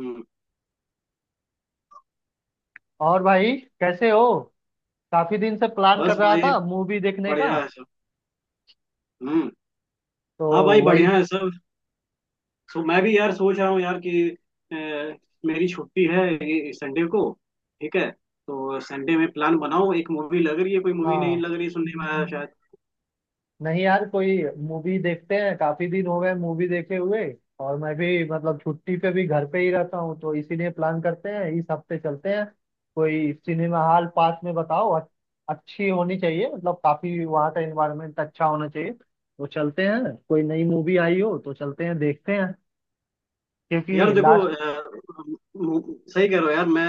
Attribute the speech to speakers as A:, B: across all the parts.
A: हम्म,
B: और भाई कैसे हो। काफी दिन से प्लान
A: बस
B: कर रहा
A: भाई।
B: था मूवी देखने का।
A: बढ़िया है सब। हम्म।
B: तो
A: हाँ भाई
B: वही।
A: बढ़िया है सब। सो मैं भी यार सोच रहा हूँ यार कि अ, मेरी छुट्टी है ये संडे को। ठीक है, तो संडे में प्लान बनाओ। एक मूवी लग रही है, कोई मूवी नहीं
B: हाँ,
A: लग रही, सुनने में आया शायद।
B: नहीं यार कोई मूवी देखते हैं, काफी दिन हो गए मूवी देखे हुए। और मैं भी मतलब छुट्टी पे भी घर पे ही रहता हूँ, तो इसीलिए प्लान करते हैं इस हफ्ते चलते हैं। कोई सिनेमा हॉल पास में बताओ अच्छी होनी चाहिए, मतलब काफी वहाँ का एनवायरनमेंट अच्छा होना चाहिए, तो चलते हैं, कोई नई मूवी आई हो तो चलते हैं देखते हैं
A: यार
B: क्योंकि
A: देखो,
B: लास्ट।
A: सही कह रहे हो यार। मैं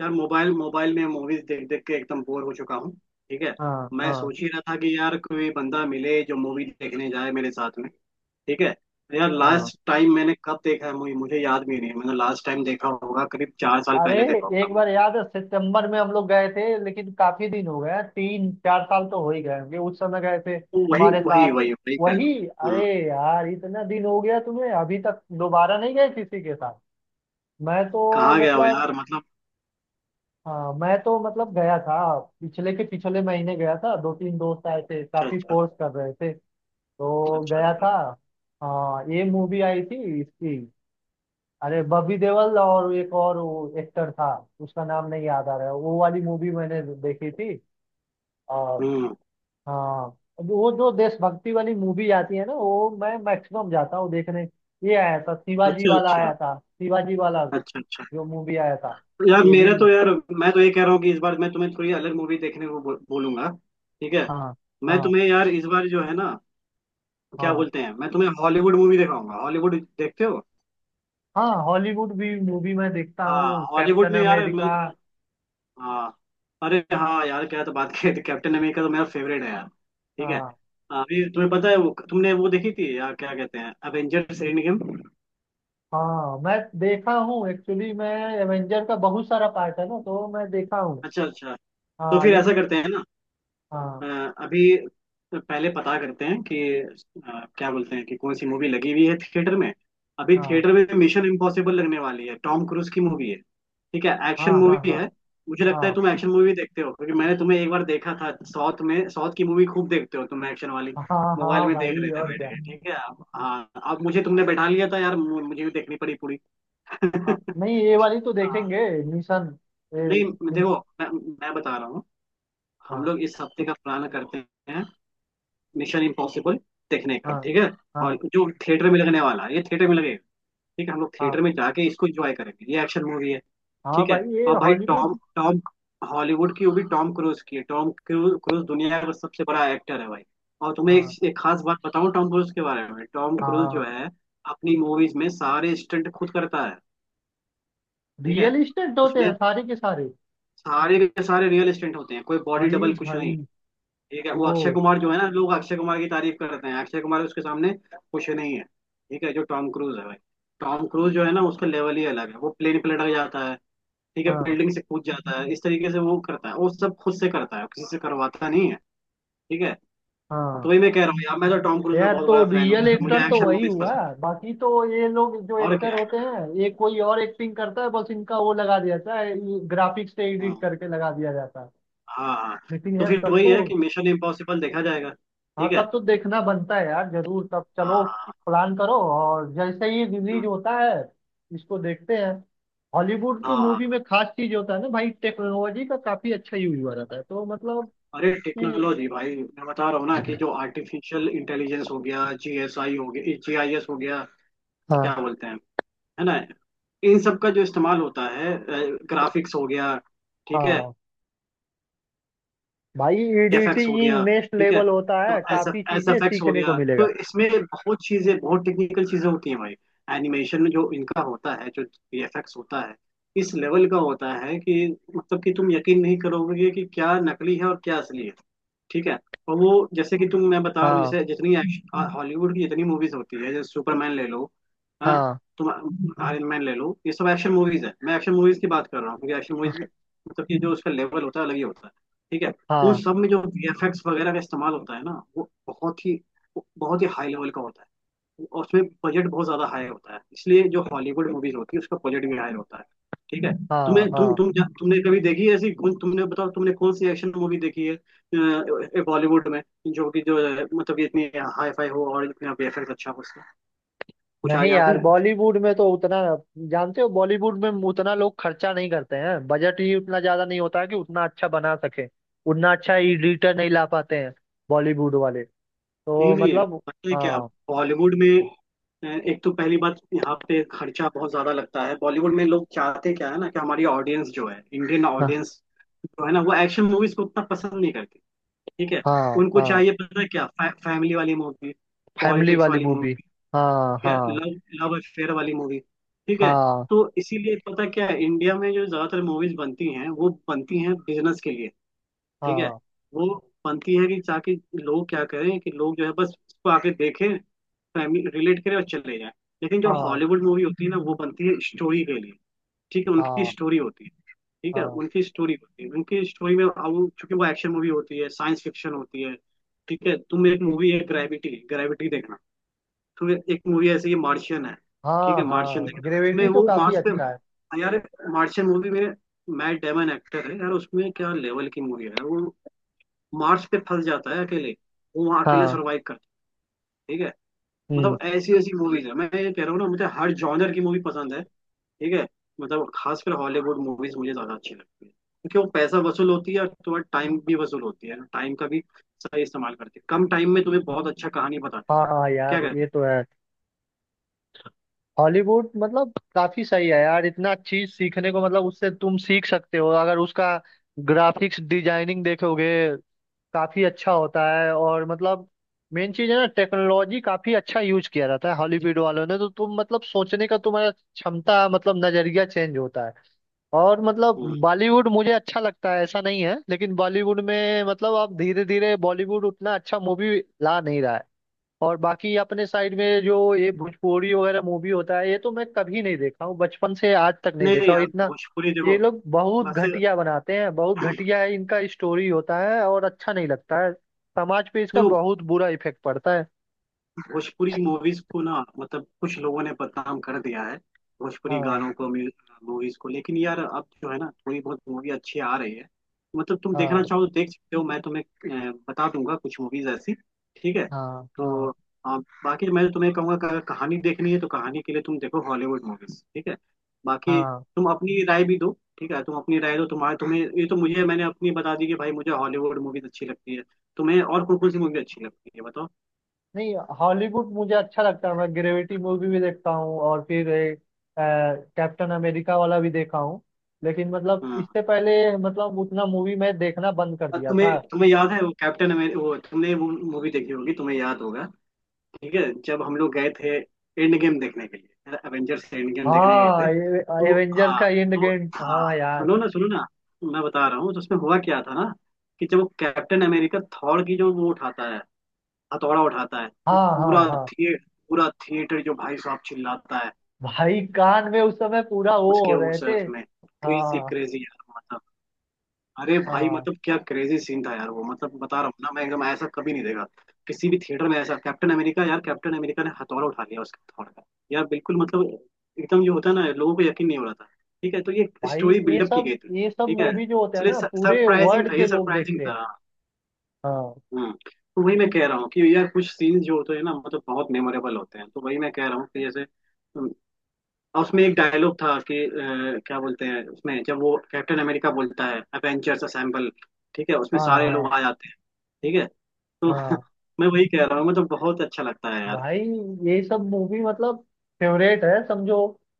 A: यार मोबाइल मोबाइल में मूवीज देख देख के एकदम बोर हो चुका हूँ। ठीक है।
B: हाँ
A: मैं
B: हाँ
A: सोच ही रहा था कि यार कोई बंदा मिले जो मूवी देखने जाए मेरे साथ में। ठीक है। यार
B: हाँ।
A: लास्ट टाइम मैंने कब देखा है मूवी मुझे याद भी नहीं है। मैंने लास्ट टाइम देखा होगा करीब 4 साल
B: अरे
A: पहले देखा होगा
B: एक
A: मूवी।
B: बार याद है सितंबर में हम लोग गए थे, लेकिन काफी दिन हो गए हैं, तीन चार साल तो हो ही गए होंगे, उस समय गए थे
A: वही
B: तुम्हारे
A: वही
B: साथ।
A: वही वही कह
B: वही,
A: रहा हूँ। हाँ,
B: अरे यार इतना दिन हो गया, तुम्हें अभी तक दोबारा नहीं गए किसी के साथ। मैं तो
A: कहाँ गया हो
B: मतलब
A: यार मतलब।
B: हाँ मैं तो मतलब गया था। पिछले के पिछले महीने गया था, दो तीन दोस्त आए थे,
A: अच्छा
B: काफी
A: अच्छा।
B: फोर्स कर रहे थे, तो
A: अच्छा
B: गया
A: अच्छा।
B: था। हाँ ये मूवी आई थी इसकी, अरे बॉबी देओल और एक और वो एक्टर था, उसका नाम नहीं याद आ रहा है, वो वाली मूवी मैंने देखी थी। और
A: हम्म।
B: हाँ, अब वो जो देशभक्ति वाली मूवी आती है ना, वो मैं मैक्सिमम जाता हूँ देखने। ये आया था शिवाजी
A: अच्छा
B: वाला
A: अच्छा।
B: आया था, शिवाजी वाला
A: अच्छा अच्छा।
B: जो मूवी आया था।
A: यार
B: ये भी
A: मेरा
B: म-
A: तो यार मैं तो ये कह रहा हूँ कि इस बार मैं तुम्हें थोड़ी अलग मूवी देखने को बोलूंगा। ठीक है।
B: हाँ
A: मैं
B: हाँ
A: तुम्हें यार इस बार जो है ना, क्या
B: हाँ।
A: बोलते हैं, मैं तुम्हें हॉलीवुड मूवी दिखाऊंगा। हॉलीवुड देखते हो?
B: हाँ हॉलीवुड भी मूवी मैं देखता हूँ,
A: हाँ हॉलीवुड
B: कैप्टन
A: में यार
B: अमेरिका।
A: मैं। हाँ। अरे हाँ यार क्या तो बात कही थी, कैप्टन अमेरिका तो मेरा फेवरेट है यार। ठीक है।
B: हाँ
A: अभी तुम्हें पता है वो तुमने वो देखी थी यार, क्या कहते हैं, एवेंजर्स एंड गेम।
B: हाँ मैं देखा हूँ, एक्चुअली मैं एवेंजर का बहुत सारा पार्ट है ना, तो मैं देखा हूँ।
A: अच्छा अच्छा। तो
B: हाँ
A: फिर ऐसा
B: लेकिन।
A: करते हैं ना, अ,
B: हाँ
A: अभी तो पहले पता करते हैं कि क्या बोलते हैं कि कौन सी मूवी लगी हुई है थिएटर में। अभी
B: हाँ
A: थिएटर में मिशन इम्पॉसिबल लगने वाली है, टॉम क्रूज की मूवी है। ठीक है, एक्शन
B: हाँ हाँ
A: मूवी
B: हाँ
A: है। मुझे लगता है तुम एक्शन मूवी देखते हो क्योंकि मैंने तुम्हें एक बार देखा था, साउथ में साउथ की मूवी खूब देखते हो तुम, एक्शन वाली।
B: हाँ। हाँ
A: मोबाइल
B: हाँ
A: में देख
B: भाई
A: रहे थे
B: और
A: बैठ
B: क्या।
A: के। ठीक है। हाँ, अब मुझे तुमने बैठा लिया था यार, मुझे भी देखनी पड़ी पूरी।
B: हाँ नहीं ये वाली तो
A: हाँ
B: देखेंगे। मिशन ये
A: नहीं,
B: इन-
A: देखो मैं बता रहा हूँ। हम
B: हाँ
A: लोग इस हफ्ते का प्लान करते हैं, मिशन इम्पॉसिबल देखने का।
B: हाँ
A: ठीक है। और
B: हाँ।
A: जो थिएटर में लगने वाला है ये थिएटर में लगेगा। ठीक है, हम लोग
B: हाँ
A: थिएटर में जाके इसको एंजॉय करेंगे, ये एक्शन मूवी है।
B: हाँ
A: ठीक है।
B: भाई ये
A: और भाई टॉम
B: हॉलीवुड।
A: टॉम हॉलीवुड की, वो भी टॉम क्रूज की है। टॉम क्रूज क्रूज दुनिया का सबसे बड़ा एक्टर है भाई। और तुम्हें एक,
B: हाँ
A: एक खास बात बताऊं टॉम क्रूज के बारे में। टॉम क्रूज
B: हाँ।
A: जो है, अपनी मूवीज में सारे स्टंट खुद करता है। ठीक है,
B: रियल इस्टेट होते
A: उसमें
B: हैं सारे के सारे।
A: सारे के सारे रियल स्टंट होते हैं, कोई बॉडी
B: अरे
A: डबल कुछ नहीं।
B: भाई।
A: ठीक है। वो
B: वो
A: अक्षय कुमार जो है ना, लोग अक्षय कुमार की तारीफ करते हैं, अक्षय कुमार उसके सामने कुछ नहीं है। ठीक है। जो टॉम क्रूज है भाई, टॉम क्रूज जो है ना, उसका लेवल ही अलग है। वो प्लेन पे लटक जाता है। ठीक है,
B: हाँ
A: बिल्डिंग से कूद जाता है, इस तरीके से वो करता है। वो सब खुद से करता है, किसी से करवाता नहीं है। ठीक है। हाँ,
B: हाँ।
A: तो वही मैं कह रहा हूँ यार, मैं तो टॉम क्रूज का
B: यार
A: बहुत
B: तो
A: बड़ा फैन हूँ
B: रियल
A: यार, मुझे
B: एक्टर तो
A: एक्शन
B: वही
A: मूवीज
B: हुआ,
A: पसंद है।
B: बाकी तो ये लोग जो
A: और
B: एक्टर
A: क्या है।
B: होते हैं ये कोई और एक्टिंग करता है, बस इनका वो लगा दिया जाता है, ग्राफिक्स से
A: हाँ
B: एडिट करके लगा दिया जाता है।
A: हाँ हाँ।
B: लेकिन
A: तो
B: यार
A: फिर
B: तब
A: वही
B: तो।
A: है कि मिशन इम्पॉसिबल देखा जाएगा,
B: हाँ
A: ठीक है।
B: तब तो देखना बनता है यार, जरूर तब
A: हाँ
B: चलो,
A: हाँ
B: प्लान करो और जैसे ही रिलीज होता है इसको देखते हैं। हॉलीवुड की
A: हाँ
B: मूवी
A: हाँ।
B: में खास चीज होता है ना भाई, टेक्नोलॉजी का काफी अच्छा यूज हुआ रहता है, तो मतलब
A: अरे
B: इसमें।
A: टेक्नोलॉजी भाई, मैं बता रहा हूँ ना, कि जो आर्टिफिशियल इंटेलिजेंस हो गया, जीएसआई हो गया, जीआईएस हो गया,
B: हाँ
A: क्या बोलते हैं, है ना, इन सब का जो इस्तेमाल होता है, ग्राफिक्स हो गया। ठीक है,
B: हाँ भाई,
A: एफएक्स हो
B: एडिटिंग
A: गया।
B: नेक्स्ट
A: ठीक है।
B: लेवल होता है,
A: तो एस एफ
B: काफी
A: एस
B: चीजें
A: एफ एक्स हो
B: सीखने को
A: गया,
B: मिलेगा।
A: तो इसमें बहुत चीजें, बहुत टेक्निकल चीजें होती हैं भाई। एनिमेशन में जो इनका होता है, जो वीएफएक्स होता है, इस लेवल का होता है कि मतलब कि तुम यकीन नहीं करोगे कि क्या नकली है और क्या असली है। ठीक है। और वो जैसे कि तुम, मैं बता रहा हूँ,
B: हाँ
A: जैसे जितनी एक्शन हॉलीवुड की जितनी मूवीज होती है, जैसे सुपरमैन ले लो। हाँ।
B: हाँ
A: तुम आयरन मैन ले लो, ये सब एक्शन मूवीज है, मैं एक्शन मूवीज की बात कर रहा हूँ क्योंकि एक्शन मूवीज में मतलब कि जो उसका लेवल होता है अलग ही होता है। ठीक है। उन
B: हाँ
A: सब में जो वीएफएक्स वगैरह का इस्तेमाल होता है ना, वो बहुत ही हाई लेवल का होता है। और उसमें बजट बहुत ज्यादा हाई होता है, इसलिए जो हॉलीवुड मूवीज होती है उसका बजट भी हाई होता है। ठीक है। हम्म। तुम्हें
B: हाँ। हाँ
A: तुम जा- तुमने कभी देखी है ऐसी, कौन तुमने बताओ, तुमने कौन सी एक्शन मूवी देखी है, बॉलीवुड में, जो कि जो है, मतलब कि इतनी हाई फाई हो और इतना वेफर अच्छा हो उसका, कुछ
B: नहीं
A: याद
B: यार
A: है?
B: बॉलीवुड में तो उतना, जानते हो बॉलीवुड में उतना लोग खर्चा नहीं करते हैं, बजट ही उतना ज्यादा नहीं होता है कि उतना अच्छा बना सके, उतना अच्छा एडिटर नहीं ला पाते हैं बॉलीवुड वाले,
A: नहीं
B: तो
A: नहीं,
B: मतलब।
A: पता है क्या,
B: हाँ
A: बॉलीवुड में एक तो पहली बात, यहाँ पे खर्चा बहुत ज्यादा लगता है। बॉलीवुड में लोग चाहते क्या है ना कि हमारी ऑडियंस जो है, इंडियन
B: हाँ
A: ऑडियंस जो है ना, वो एक्शन मूवीज को उतना पसंद नहीं करती। ठीक है।
B: हाँ
A: उनको
B: हाँ।
A: चाहिए, पता है क्या, फैमिली वाली मूवी,
B: फैमिली
A: पॉलिटिक्स
B: वाली
A: वाली
B: मूवी।
A: मूवी।
B: हाँ
A: ठीक है,
B: हाँ
A: लव लव अफेयर वाली मूवी। ठीक है।
B: हाँ
A: तो इसीलिए पता क्या है, इंडिया में जो ज्यादातर मूवीज बनती हैं वो बनती हैं बिजनेस के लिए। ठीक है।
B: हाँ
A: वो बनती है कि, ताकि लोग क्या करें, कि लोग जो है बस इसको आके देखें, फैमिली रिलेट करें और चले जाएं। लेकिन जो
B: हाँ
A: हॉलीवुड मूवी होती है ना, वो बनती है स्टोरी के लिए। ठीक है, उनकी
B: हाँ
A: स्टोरी होती है। ठीक है
B: हाँ
A: उनकी स्टोरी होती है, उनकी स्टोरी में, अब चूंकि वो एक्शन मूवी होती है, साइंस फिक्शन होती है। ठीक है। तुम, एक मूवी है ग्रेविटी, ग्रेविटी देखना। तुम, एक मूवी ऐसी है मार्शियन है। ठीक
B: हाँ
A: है, मार्शियन
B: हाँ।
A: देखना, उसमें
B: ग्रेविटी तो
A: वो
B: काफी
A: मार्स पे,
B: अच्छा है।
A: यार मार्शियन मूवी में मैट डेमन एक्टर है यार, उसमें क्या लेवल की मूवी है वो। मार्स पे फंस जाता है अकेले, वो वहां अकेले
B: हाँ।
A: सर्वाइव करता है। ठीक है।
B: हम्म।
A: मतलब ऐसी ऐसी मूवीज है, मैं ये कह रहा हूँ ना, मुझे हर जॉनर की मूवी पसंद है। ठीक है। मतलब खासकर हॉलीवुड मूवीज मुझे ज्यादा अच्छी लगती है, क्योंकि वो पैसा वसूल होती है और थोड़ा टाइम भी वसूल होती है, टाइम का भी सही इस्तेमाल करती है, कम टाइम में तुम्हें बहुत अच्छा कहानी बताती
B: हाँ
A: है।
B: हाँ
A: क्या
B: यार ये
A: कहते
B: तो है। हॉलीवुड मतलब काफी सही है यार, इतना चीज सीखने को मतलब, उससे तुम सीख सकते हो, अगर उसका ग्राफिक्स डिजाइनिंग देखोगे काफी अच्छा होता है। और मतलब मेन चीज है ना, टेक्नोलॉजी काफी अच्छा यूज किया जाता है हॉलीवुड वालों ने, तो तुम मतलब सोचने का तुम्हारा क्षमता, मतलब नजरिया चेंज होता है। और मतलब
A: हैं।
B: बॉलीवुड मुझे अच्छा लगता है ऐसा नहीं है, लेकिन बॉलीवुड में मतलब अब धीरे धीरे बॉलीवुड उतना अच्छा मूवी ला नहीं रहा है। और बाकी अपने साइड में जो ये भोजपुरी वगैरह मूवी होता है ये तो मैं कभी नहीं देखा हूँ, बचपन से आज तक नहीं
A: नहीं
B: देखा
A: नहीं
B: हूँ
A: यार,
B: इतना।
A: भोजपुरी
B: ये
A: देखो
B: लोग बहुत
A: बस।
B: घटिया बनाते हैं, बहुत घटिया है इनका स्टोरी होता है और अच्छा नहीं लगता है, समाज पे इसका
A: देखो,
B: बहुत बुरा इफेक्ट पड़ता है।
A: भोजपुरी मूवीज को ना मतलब कुछ लोगों ने बदनाम कर दिया है, भोजपुरी
B: हाँ
A: गानों को, मूवीज को, लेकिन यार अब जो है ना थोड़ी बहुत मूवी अच्छी आ रही है। मतलब तुम
B: हाँ
A: देखना चाहो तो देख सकते हो, मैं तुम्हें बता दूंगा कुछ मूवीज ऐसी। ठीक है।
B: हाँ
A: तो
B: हाँ
A: अ, बाकी मैं तो तुम्हें कहूंगा कि अगर कहानी देखनी है तो कहानी के लिए तुम देखो हॉलीवुड मूवीज। ठीक है। बाकी
B: हाँ।
A: तुम अपनी राय भी दो। ठीक है, तुम अपनी राय दो, तुम्हारे तुम्हें, ये तो मुझे, मैंने अपनी बता दी कि भाई मुझे हॉलीवुड मूवीज अच्छी लगती है, तुम्हें और कौन कौन सी मूवी अच्छी लगती है बताओ।
B: नहीं हॉलीवुड मुझे अच्छा लगता है, मैं ग्रेविटी मूवी भी देखता हूँ और फिर कैप्टन अमेरिका वाला भी देखा हूँ, लेकिन मतलब
A: हाँ।
B: इससे पहले मतलब उतना मूवी मैं देखना बंद कर
A: और
B: दिया
A: तुम्हें
B: था।
A: तुम्हें याद है वो कैप्टन अमेरिका, वो तुमने वो मूवी देखी होगी, तुम्हें याद होगा। ठीक है। जब हम लोग गए थे एंड गेम देखने के लिए, एवेंजर्स एंड गेम देखने गए थे
B: हाँ ये
A: तो,
B: एवेंजर का
A: हाँ,
B: एंड
A: तो
B: गेम,
A: हाँ,
B: हाँ यार।
A: सुनो ना सुनो ना, मैं बता रहा हूँ, तो उसमें हुआ क्या था ना, कि जब वो कैप्टन अमेरिका थॉर की जो वो उठाता है, हथौड़ा उठाता है, तो
B: हाँ हाँ
A: पूरा
B: हाँ।
A: थिएटर, पूरा थिएटर जो भाई साहब चिल्लाता है,
B: भाई कान में उस समय पूरा वो
A: उसके
B: हो रहे
A: उस
B: थे।
A: उसमें, क्रेजी
B: हाँ
A: क्रेजी यार। अरे भाई,
B: हाँ।
A: मतलब क्या क्रेजी सीन था यार वो, मतलब बता रहा हूँ ना मैं, एकदम ऐसा कभी नहीं देखा किसी भी थिएटर में ऐसा। कैप्टन अमेरिका यार, कैप्टन अमेरिका ने हथौड़ा उठा लिया, उसके हथौड़े का यार, बिल्कुल मतलब एकदम, जो होता है ना, लोगों को यकीन नहीं हो रहा था। ठीक है। तो ये
B: भाई
A: स्टोरी
B: ये
A: बिल्डअप की
B: सब,
A: गई थी,
B: ये सब
A: ठीक है,
B: मूवी जो होते हैं
A: इसलिए
B: ना पूरे
A: सरप्राइजिंग
B: वर्ल्ड
A: था,
B: के
A: ये
B: लोग
A: सरप्राइजिंग
B: देखते हैं।
A: था।
B: हाँ
A: हम्म तो वही मैं कह रहा हूँ कि यार कुछ सीन जो होते हैं ना, मतलब बहुत मेमोरेबल होते हैं, तो वही मैं कह रहा हूँ कि जैसे, और उसमें एक डायलॉग था कि क्या बोलते हैं, उसमें जब वो कैप्टन अमेरिका बोलता है अवेंजर्स असेंबल, ठीक है, उसमें
B: हाँ
A: सारे लोग
B: हाँ
A: आ जाते हैं। ठीक है। तो
B: हाँ।
A: मैं वही कह रहा हूँ, मुझे तो बहुत अच्छा लगता है यार।
B: भाई ये सब मूवी मतलब फेवरेट है समझो,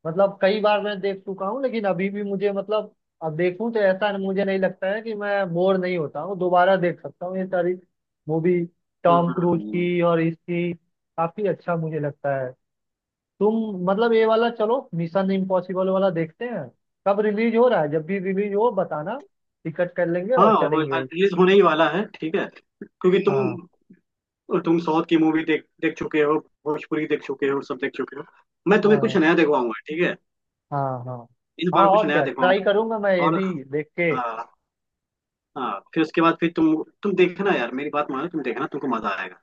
B: मतलब कई बार मैं देख चुका हूँ, लेकिन अभी भी मुझे मतलब अब देखूं तो ऐसा मुझे नहीं लगता है कि मैं बोर नहीं होता हूँ, दोबारा देख सकता हूँ ये सारी मूवी टॉम क्रूज
A: हम्म।
B: की और इसकी, काफी अच्छा मुझे लगता है। तुम मतलब ये वाला चलो मिशन इम्पॉसिबल वाला देखते हैं, कब रिलीज हो रहा है जब भी रिलीज हो बताना, टिकट कर लेंगे और
A: हाँ वो
B: चलेंगे।
A: रिलीज होने ही वाला है। ठीक है। क्योंकि
B: हाँ
A: तुम साउथ की मूवी देख देख चुके हो, भोजपुरी देख चुके हो, सब देख चुके हो। मैं तुम्हें कुछ
B: हाँ
A: नया दिखवाऊंगा। ठीक है,
B: हाँ हाँ
A: इस
B: हाँ।
A: बार कुछ
B: और
A: नया
B: क्या, ट्राई
A: दिखवाऊंगा।
B: करूंगा मैं ये
A: और
B: भी देख के।
A: हाँ हाँ, फिर उसके बाद फिर तुम देखना यार, मेरी बात मानो, तुम देखना तुमको मजा आएगा।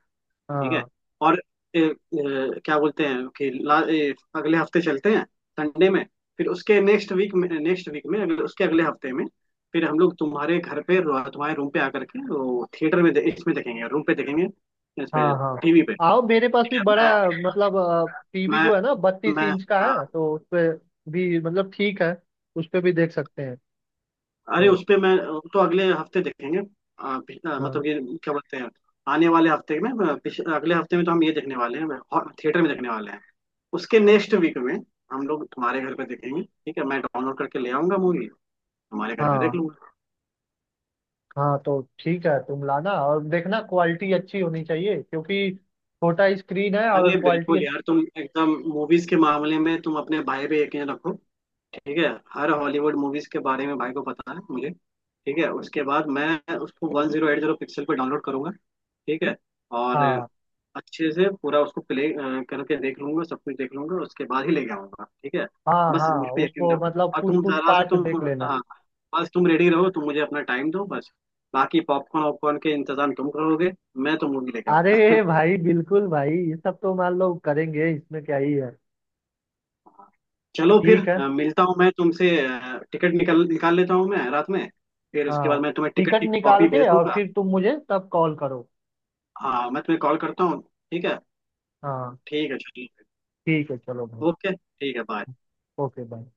A: ठीक है।
B: हाँ
A: और ए, ए, क्या बोलते हैं कि अगले हफ्ते चलते हैं संडे में। फिर उसके नेक्स्ट वीक में, उसके अगले हफ्ते में फिर हम लोग तुम्हारे घर पे तुम्हारे रूम पे आकर के, वो थिएटर में इसमें देखेंगे, रूम पे देखेंगे, इस पे,
B: हाँ हाँ।
A: टीवी पे।
B: आओ मेरे पास
A: ठीक
B: भी
A: है।
B: बड़ा,
A: मैं
B: मतलब टीवी
A: मैं
B: जो है ना बत्तीस
A: मैं
B: इंच का
A: हाँ,
B: है, तो उस पे भी मतलब ठीक है उस पे भी देख सकते हैं
A: अरे
B: तो।
A: उस पे मैं, तो अगले हफ्ते देखेंगे।
B: हाँ
A: मतलब कि क्या बोलते हैं, आने वाले हफ्ते में अगले हफ्ते में तो हम ये देखने वाले हैं, थिएटर में देखने वाले हैं। उसके नेक्स्ट वीक में हम लोग तुम्हारे घर पे देखेंगे। ठीक है, मैं डाउनलोड करके ले आऊंगा मूवी, तुम्हारे घर पे देख
B: हाँ।
A: लूंगा।
B: हाँ, तो ठीक है तुम लाना और देखना क्वालिटी अच्छी होनी चाहिए क्योंकि छोटा स्क्रीन है और
A: अरे
B: क्वालिटी।
A: बिल्कुल यार, तुम एकदम मूवीज के मामले में तुम अपने भाई पे यकीन रखो। ठीक है। हर हॉलीवुड मूवीज के बारे में भाई को पता है, मुझे। ठीक है। उसके बाद मैं उसको 1080p पर डाउनलोड करूंगा। ठीक है। और
B: हाँ
A: अच्छे से पूरा उसको प्ले करके देख लूंगा, सब कुछ देख लूंगा, उसके बाद ही लेके आऊंगा। ठीक है।
B: हाँ
A: बस मुझ
B: हाँ।
A: पे यकीन
B: उसको
A: रखो,
B: मतलब
A: और
B: कुछ
A: तुम
B: कुछ
A: जरा से
B: पार्ट
A: तुम,
B: देख लेना।
A: हाँ, बस तुम रेडी रहो, तुम मुझे अपना टाइम दो बस। बाकी पॉपकॉर्न वॉपकॉर्न के इंतजाम तुम करोगे, मैं तो मूवी लेके आऊंगा।
B: अरे भाई बिल्कुल भाई ये सब तो मान लो करेंगे, इसमें क्या ही है।
A: चलो फिर
B: ठीक है।
A: मिलता हूँ मैं तुमसे, टिकट निकाल निकाल लेता हूँ मैं रात में, फिर उसके
B: हाँ
A: बाद मैं तुम्हें टिकट
B: टिकट
A: की
B: निकाल
A: कॉपी भेज
B: के और
A: दूंगा।
B: फिर तुम मुझे तब कॉल करो।
A: हाँ मैं तुम्हें कॉल करता हूँ। ठीक है।
B: हाँ
A: ठीक है चलिए।
B: ठीक है चलो भाई।
A: ओके ठीक है बाय।
B: Okay bye.